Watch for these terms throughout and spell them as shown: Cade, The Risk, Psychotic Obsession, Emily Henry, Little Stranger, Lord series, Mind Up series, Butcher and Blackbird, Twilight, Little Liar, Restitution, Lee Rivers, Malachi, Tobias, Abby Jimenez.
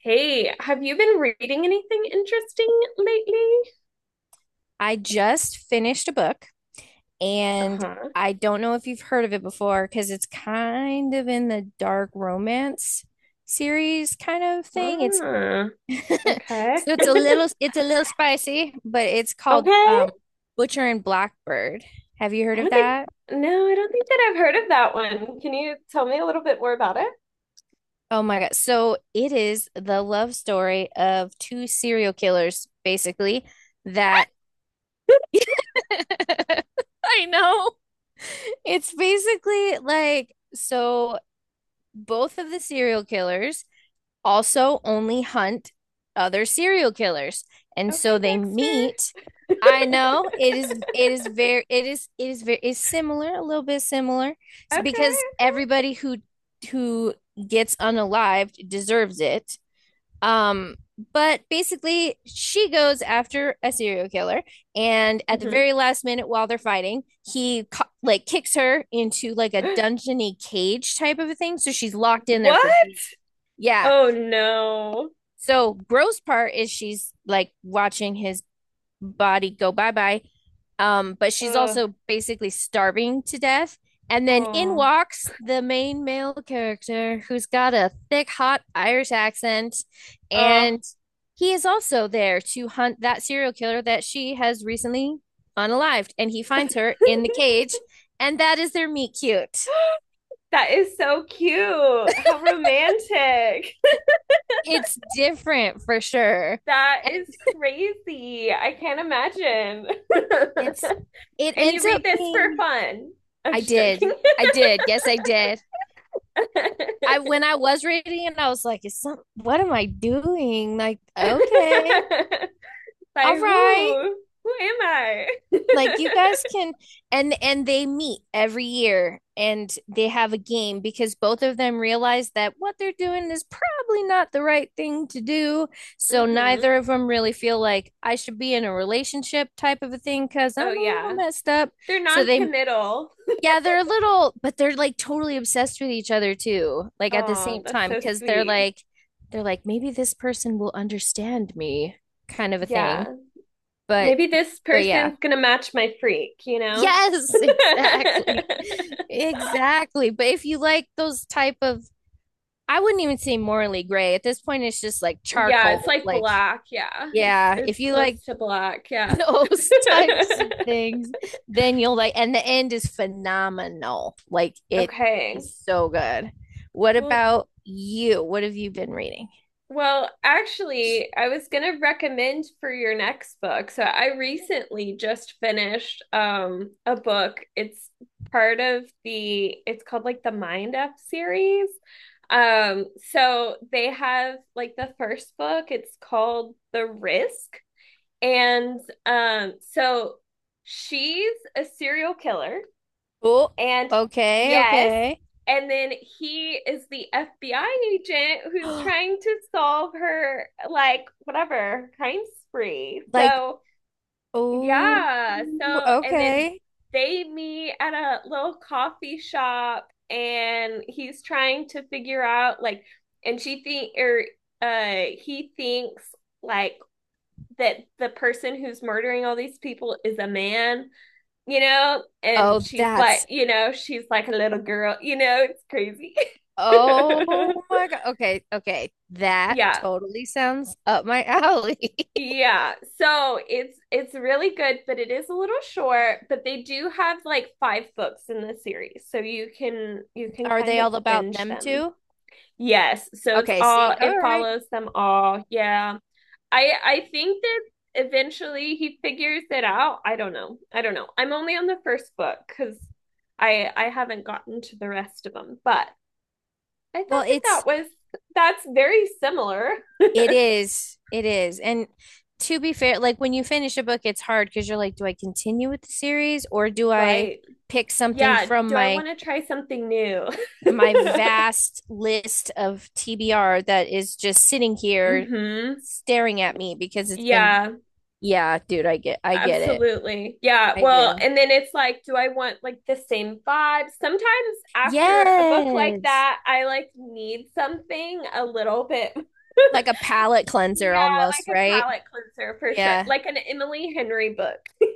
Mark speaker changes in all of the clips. Speaker 1: Hey, have you been reading anything interesting lately?
Speaker 2: I just finished a book and
Speaker 1: Uh-huh.
Speaker 2: I don't know if you've heard of it before because it's kind of in the dark romance series kind of thing. It's
Speaker 1: Ah, okay.
Speaker 2: So it's a little it's a little spicy, but it's
Speaker 1: Okay.
Speaker 2: called
Speaker 1: I
Speaker 2: Butcher and Blackbird. Have you heard of
Speaker 1: don't think,
Speaker 2: that?
Speaker 1: no, I don't think that I've heard of that one. Can you tell me a little bit more about it?
Speaker 2: Oh my God. So it is the love story of two serial killers, basically, that I know. It's basically like so both of the serial killers also only hunt other serial killers. And
Speaker 1: Okay,
Speaker 2: so they
Speaker 1: Dexter.
Speaker 2: meet. I know, it is it is very it is very is similar, a little bit similar because
Speaker 1: Okay.
Speaker 2: everybody who gets unalived deserves it. Um, but basically, she goes after a serial killer, and at the
Speaker 1: hmm
Speaker 2: very last minute, while they're fighting, he like kicks her into like a dungeony cage type of a thing, so she's locked in there for,
Speaker 1: What?
Speaker 2: yeah.
Speaker 1: Oh no.
Speaker 2: So gross part is she's like watching his body go bye bye. But she's
Speaker 1: Ugh.
Speaker 2: also basically starving to death. And then in
Speaker 1: Oh.
Speaker 2: walks the main male character who's got a thick, hot Irish accent.
Speaker 1: Oh.
Speaker 2: And he is also there to hunt that serial killer that she has recently unalived. And he finds her in the cage. And that is their meet cute.
Speaker 1: That is so cute. How romantic.
Speaker 2: It's different for sure.
Speaker 1: That
Speaker 2: And
Speaker 1: is crazy. I can't imagine.
Speaker 2: it's, it
Speaker 1: And you
Speaker 2: ends
Speaker 1: read
Speaker 2: up
Speaker 1: this for
Speaker 2: being.
Speaker 1: fun. I'm
Speaker 2: I
Speaker 1: just
Speaker 2: did.
Speaker 1: joking.
Speaker 2: I did. Yes, I did. I when I was reading it, I was like, "Is some what am I doing?" Like, okay,
Speaker 1: By
Speaker 2: all
Speaker 1: who?
Speaker 2: right,
Speaker 1: Who am I?
Speaker 2: like you guys can, and they meet every year and they have a game because both of them realize that what they're doing is probably not the right thing to do. So neither
Speaker 1: hmm
Speaker 2: of them really feel like I should be in a relationship type of a thing because
Speaker 1: Oh,
Speaker 2: I'm a little
Speaker 1: yeah.
Speaker 2: messed up.
Speaker 1: They're
Speaker 2: So they.
Speaker 1: non-committal.
Speaker 2: Yeah, they're a little, but they're like totally obsessed with each other too, like at the
Speaker 1: Oh,
Speaker 2: same
Speaker 1: that's
Speaker 2: time,
Speaker 1: so
Speaker 2: because they're
Speaker 1: sweet.
Speaker 2: like, they're like, maybe this person will understand me, kind of a thing.
Speaker 1: Yeah.
Speaker 2: But,
Speaker 1: Maybe this
Speaker 2: but yeah.
Speaker 1: person's gonna match my freak?
Speaker 2: Yes, exactly. Exactly. But if you like those type of, I wouldn't even say morally gray. At this point, it's just like
Speaker 1: Yeah, it's
Speaker 2: charcoal.
Speaker 1: like
Speaker 2: Like,
Speaker 1: black. Yeah.
Speaker 2: yeah,
Speaker 1: It's
Speaker 2: if you
Speaker 1: close
Speaker 2: like
Speaker 1: to black. Yeah.
Speaker 2: those types of things, then you'll like, and the end is phenomenal. Like it
Speaker 1: Okay.
Speaker 2: is so good. What
Speaker 1: Well,
Speaker 2: about you? What have you been reading?
Speaker 1: Actually, I was gonna recommend for your next book. So I recently just finished a book. It's called like the Mind Up series. Um, so they have like the first book, it's called The Risk. And so she's a serial killer,
Speaker 2: Oh,
Speaker 1: and
Speaker 2: okay,
Speaker 1: yes,
Speaker 2: okay.
Speaker 1: and then he is the FBI agent who's trying to solve her like whatever crime spree.
Speaker 2: Like,
Speaker 1: So
Speaker 2: oh,
Speaker 1: yeah, so and then
Speaker 2: okay.
Speaker 1: they meet at a little coffee shop and he's trying to figure out like and she think or he thinks like that the person who's murdering all these people is a man? And
Speaker 2: Oh,
Speaker 1: she's like,
Speaker 2: that's,
Speaker 1: she's like a little girl, it's crazy.
Speaker 2: oh my God. Okay, okay. That
Speaker 1: Yeah.
Speaker 2: totally sounds up my alley.
Speaker 1: Yeah. So it's really good, but it is a little short, but they do have like five books in the series. So you can you can
Speaker 2: Are
Speaker 1: kind
Speaker 2: they
Speaker 1: of
Speaker 2: all about
Speaker 1: binge
Speaker 2: them
Speaker 1: them.
Speaker 2: too?
Speaker 1: Yes. So it's
Speaker 2: Okay,
Speaker 1: all
Speaker 2: see, all
Speaker 1: it
Speaker 2: right.
Speaker 1: follows them all. Yeah. I think that eventually he figures it out. I don't know. I don't know. I'm only on the first book cuz I haven't gotten to the rest of them, but I thought
Speaker 2: Well,
Speaker 1: that that
Speaker 2: it's
Speaker 1: was that's very similar.
Speaker 2: It is. It is. And to be fair, like when you finish a book, it's hard because you're like, do I continue with the series or do I
Speaker 1: Right.
Speaker 2: pick something
Speaker 1: Yeah,
Speaker 2: from
Speaker 1: do I
Speaker 2: my
Speaker 1: want to try something new?
Speaker 2: vast list of TBR that is just sitting here
Speaker 1: Mhm.
Speaker 2: staring at me because it's been,
Speaker 1: Yeah,
Speaker 2: yeah, dude, I get it.
Speaker 1: absolutely. Yeah.
Speaker 2: I
Speaker 1: Well,
Speaker 2: do.
Speaker 1: and then it's like do I want like the same vibe? Sometimes after a book like
Speaker 2: Yes.
Speaker 1: that, I like need something a little bit.
Speaker 2: Like a palate cleanser
Speaker 1: Yeah,
Speaker 2: almost,
Speaker 1: like a
Speaker 2: right?
Speaker 1: palate cleanser for sure.
Speaker 2: Yeah.
Speaker 1: Like an Emily Henry book.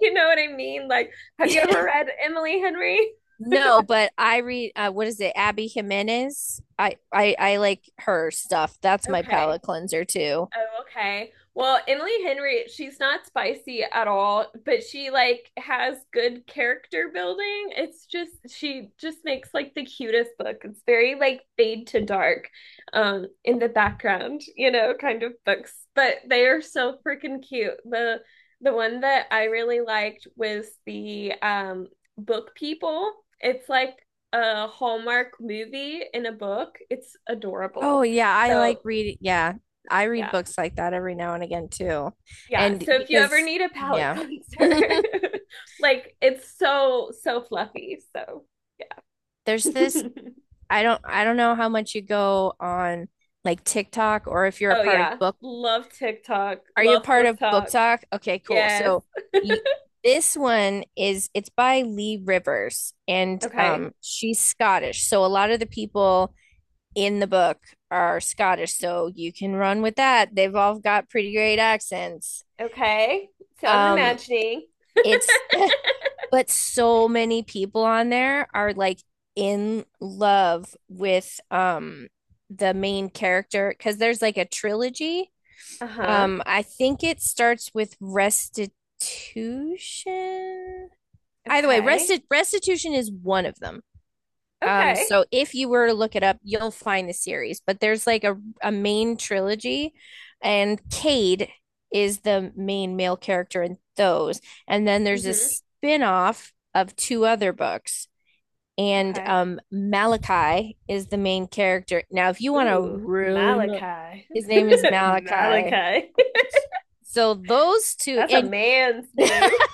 Speaker 1: You know what I mean? Like, have you ever read Emily Henry?
Speaker 2: No, but I read what is it, Abby Jimenez? I like her stuff. That's my
Speaker 1: Okay.
Speaker 2: palate cleanser too.
Speaker 1: Oh, okay. Well, Emily Henry, she's not spicy at all, but she like has good character building. It's just she just makes like the cutest book. It's very like fade to dark, in the background, you know, kind of books. But they are so freaking cute. The one that I really liked was the Book People. It's like a Hallmark movie in a book. It's
Speaker 2: Oh
Speaker 1: adorable.
Speaker 2: yeah, I like
Speaker 1: So
Speaker 2: reading. Yeah, I read
Speaker 1: yeah.
Speaker 2: books like that every now and again too.
Speaker 1: Yeah,
Speaker 2: And
Speaker 1: so if you ever
Speaker 2: because,
Speaker 1: need a palate
Speaker 2: yeah.
Speaker 1: cleanser, like it's so so fluffy. So, yeah.
Speaker 2: There's this I don't know how much you go on like TikTok or if you're a
Speaker 1: Oh
Speaker 2: part of
Speaker 1: yeah,
Speaker 2: book.
Speaker 1: love TikTok,
Speaker 2: Are you a
Speaker 1: love
Speaker 2: part
Speaker 1: book
Speaker 2: of Book
Speaker 1: talk.
Speaker 2: Talk? Okay, cool.
Speaker 1: Yes.
Speaker 2: So you, this one is, it's by Lee Rivers and
Speaker 1: Okay.
Speaker 2: she's Scottish. So a lot of the people in the book are Scottish, so you can run with that. They've all got pretty great accents.
Speaker 1: Okay. So I'm
Speaker 2: Um
Speaker 1: imagining.
Speaker 2: it's But so many people on there are like in love with the main character because there's like a trilogy,
Speaker 1: Uh-huh.
Speaker 2: I think it starts with restitution. Either way,
Speaker 1: Okay.
Speaker 2: restitution is one of them. Um,
Speaker 1: Okay.
Speaker 2: so if you were to look it up, you'll find the series. But there's like a main trilogy, and Cade is the main male character in those. And then there's a
Speaker 1: Mm-hmm.
Speaker 2: spin-off of two other books. And
Speaker 1: Okay.
Speaker 2: Malachi is the main character. Now, if you want to
Speaker 1: Ooh,
Speaker 2: really,
Speaker 1: Malachi.
Speaker 2: his name is Malachi.
Speaker 1: Malachi.
Speaker 2: So those two
Speaker 1: That's a
Speaker 2: and
Speaker 1: man's name.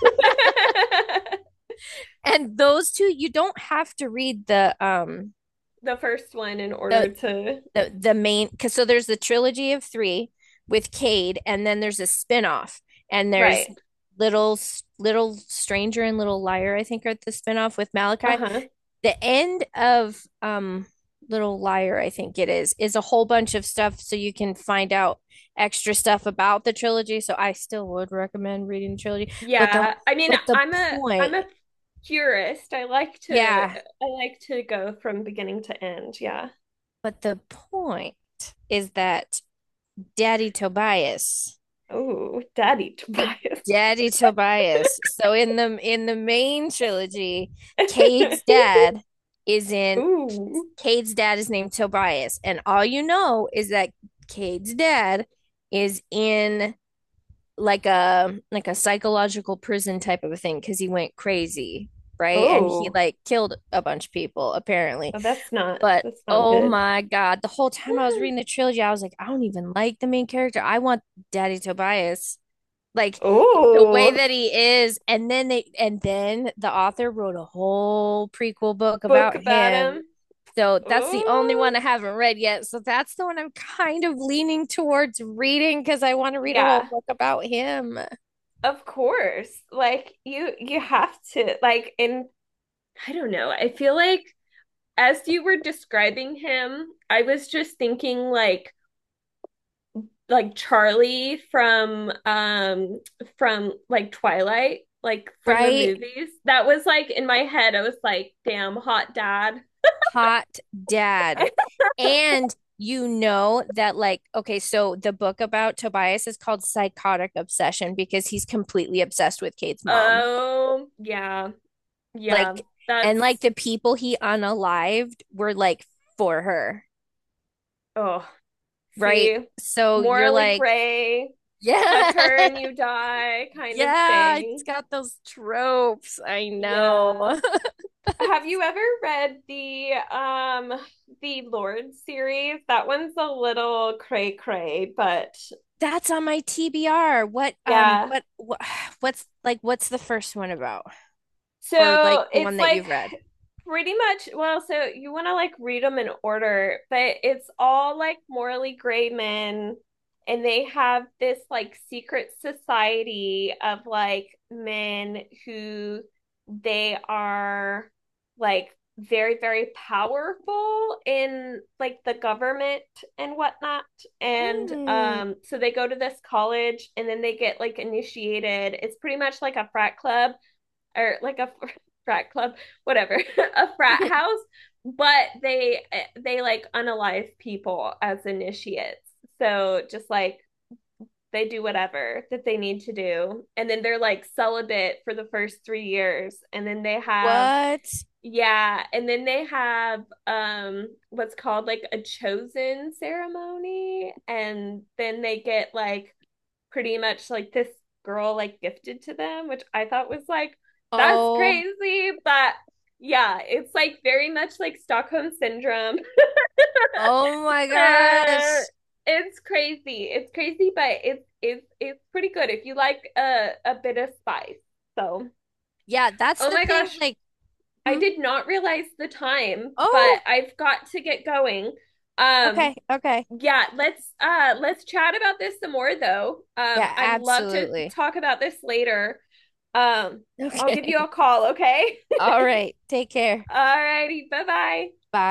Speaker 2: and those two you don't have to read
Speaker 1: The first one in
Speaker 2: the
Speaker 1: order to.
Speaker 2: the main cuz so there's the trilogy of 3 with Cade, and then there's a spinoff, and there's
Speaker 1: Right.
Speaker 2: little little stranger and little liar, I think, are the spinoff with Malachi.
Speaker 1: Uh-huh.
Speaker 2: The end of little liar, I think it is a whole bunch of stuff, so you can find out extra stuff about the trilogy, so I still would recommend reading the trilogy, but the
Speaker 1: Yeah, I mean,
Speaker 2: but the
Speaker 1: I'm a
Speaker 2: point,
Speaker 1: I'm a purist. I like to
Speaker 2: yeah.
Speaker 1: I like to go from beginning to end. Yeah.
Speaker 2: But the point is that Daddy Tobias,
Speaker 1: Oh, Daddy Tobias.
Speaker 2: Daddy Tobias. So in the main trilogy, Cade's dad is in
Speaker 1: Ooh.
Speaker 2: Cade's dad is named Tobias, and all you know is that Cade's dad is in like a psychological prison type of a thing because he went crazy, right? And he
Speaker 1: Oh.
Speaker 2: like killed a bunch of people apparently.
Speaker 1: Oh,
Speaker 2: But
Speaker 1: that's not
Speaker 2: oh
Speaker 1: good.
Speaker 2: my God, the whole time I was reading the trilogy, I was like, I don't even like the main character. I want Daddy Tobias. Like the way
Speaker 1: Oh,
Speaker 2: that he is. And then the author wrote a whole prequel book
Speaker 1: book
Speaker 2: about
Speaker 1: about
Speaker 2: him.
Speaker 1: him.
Speaker 2: So that's the
Speaker 1: Oh.
Speaker 2: only one I haven't read yet. So that's the one I'm kind of leaning towards reading because I want to read a whole
Speaker 1: Yeah,
Speaker 2: book about him.
Speaker 1: of course. Like you have to like in I don't know. I feel like as you were describing him, I was just thinking like Charlie from like Twilight, like from the
Speaker 2: Right?
Speaker 1: movies. That was like in my head, I was like, damn, hot dad.
Speaker 2: Hot dad. And you know that, like, okay, so the book about Tobias is called Psychotic Obsession because he's completely obsessed with Kate's mom.
Speaker 1: Oh yeah, yeah.
Speaker 2: Like, and like
Speaker 1: That's
Speaker 2: the people he unalived were like for her,
Speaker 1: oh
Speaker 2: right?
Speaker 1: see,
Speaker 2: So you're
Speaker 1: morally
Speaker 2: like,
Speaker 1: gray, touch
Speaker 2: yeah,
Speaker 1: her and you die kind of
Speaker 2: yeah, it's
Speaker 1: thing.
Speaker 2: got those tropes. I
Speaker 1: Yeah.
Speaker 2: know.
Speaker 1: Have you ever read the Lord series? That one's a little cray cray, but
Speaker 2: That's on my TBR. What
Speaker 1: yeah.
Speaker 2: but what what's the first one about? Or like
Speaker 1: So
Speaker 2: the
Speaker 1: it's
Speaker 2: one that
Speaker 1: like
Speaker 2: you've read?
Speaker 1: pretty much, well, so you want to like read them in order, but it's all like morally gray men, and they have this like secret society of like men who they are like very, very powerful in like the government and whatnot. And
Speaker 2: Mm.
Speaker 1: um, so they go to this college and then they get like initiated. It's pretty much like a frat club or like a frat club, whatever, a frat house, but they like unalive people as initiates. So just like they do whatever that they need to do and then they're like celibate for the first 3 years and then they have
Speaker 2: What?
Speaker 1: yeah, and then they have what's called like a chosen ceremony and then they get like pretty much like this girl like gifted to them, which I thought was like, that's
Speaker 2: Oh,
Speaker 1: crazy. But yeah, it's like very much like Stockholm syndrome.
Speaker 2: oh my gosh.
Speaker 1: It's crazy. It's crazy, but it's it's pretty good if you like a bit of spice. So,
Speaker 2: Yeah, that's
Speaker 1: oh
Speaker 2: the
Speaker 1: my
Speaker 2: thing.
Speaker 1: gosh,
Speaker 2: Like,
Speaker 1: I
Speaker 2: hmm.
Speaker 1: did not realize the time, but
Speaker 2: Oh,
Speaker 1: I've got to get going. Um,
Speaker 2: okay, okay.
Speaker 1: yeah, let's chat about this some more, though
Speaker 2: Yeah,
Speaker 1: I'd love to
Speaker 2: absolutely.
Speaker 1: talk about this later. um I'll
Speaker 2: Okay.
Speaker 1: give you a call, okay?
Speaker 2: All right. Take care.
Speaker 1: All righty, bye bye.
Speaker 2: Bye.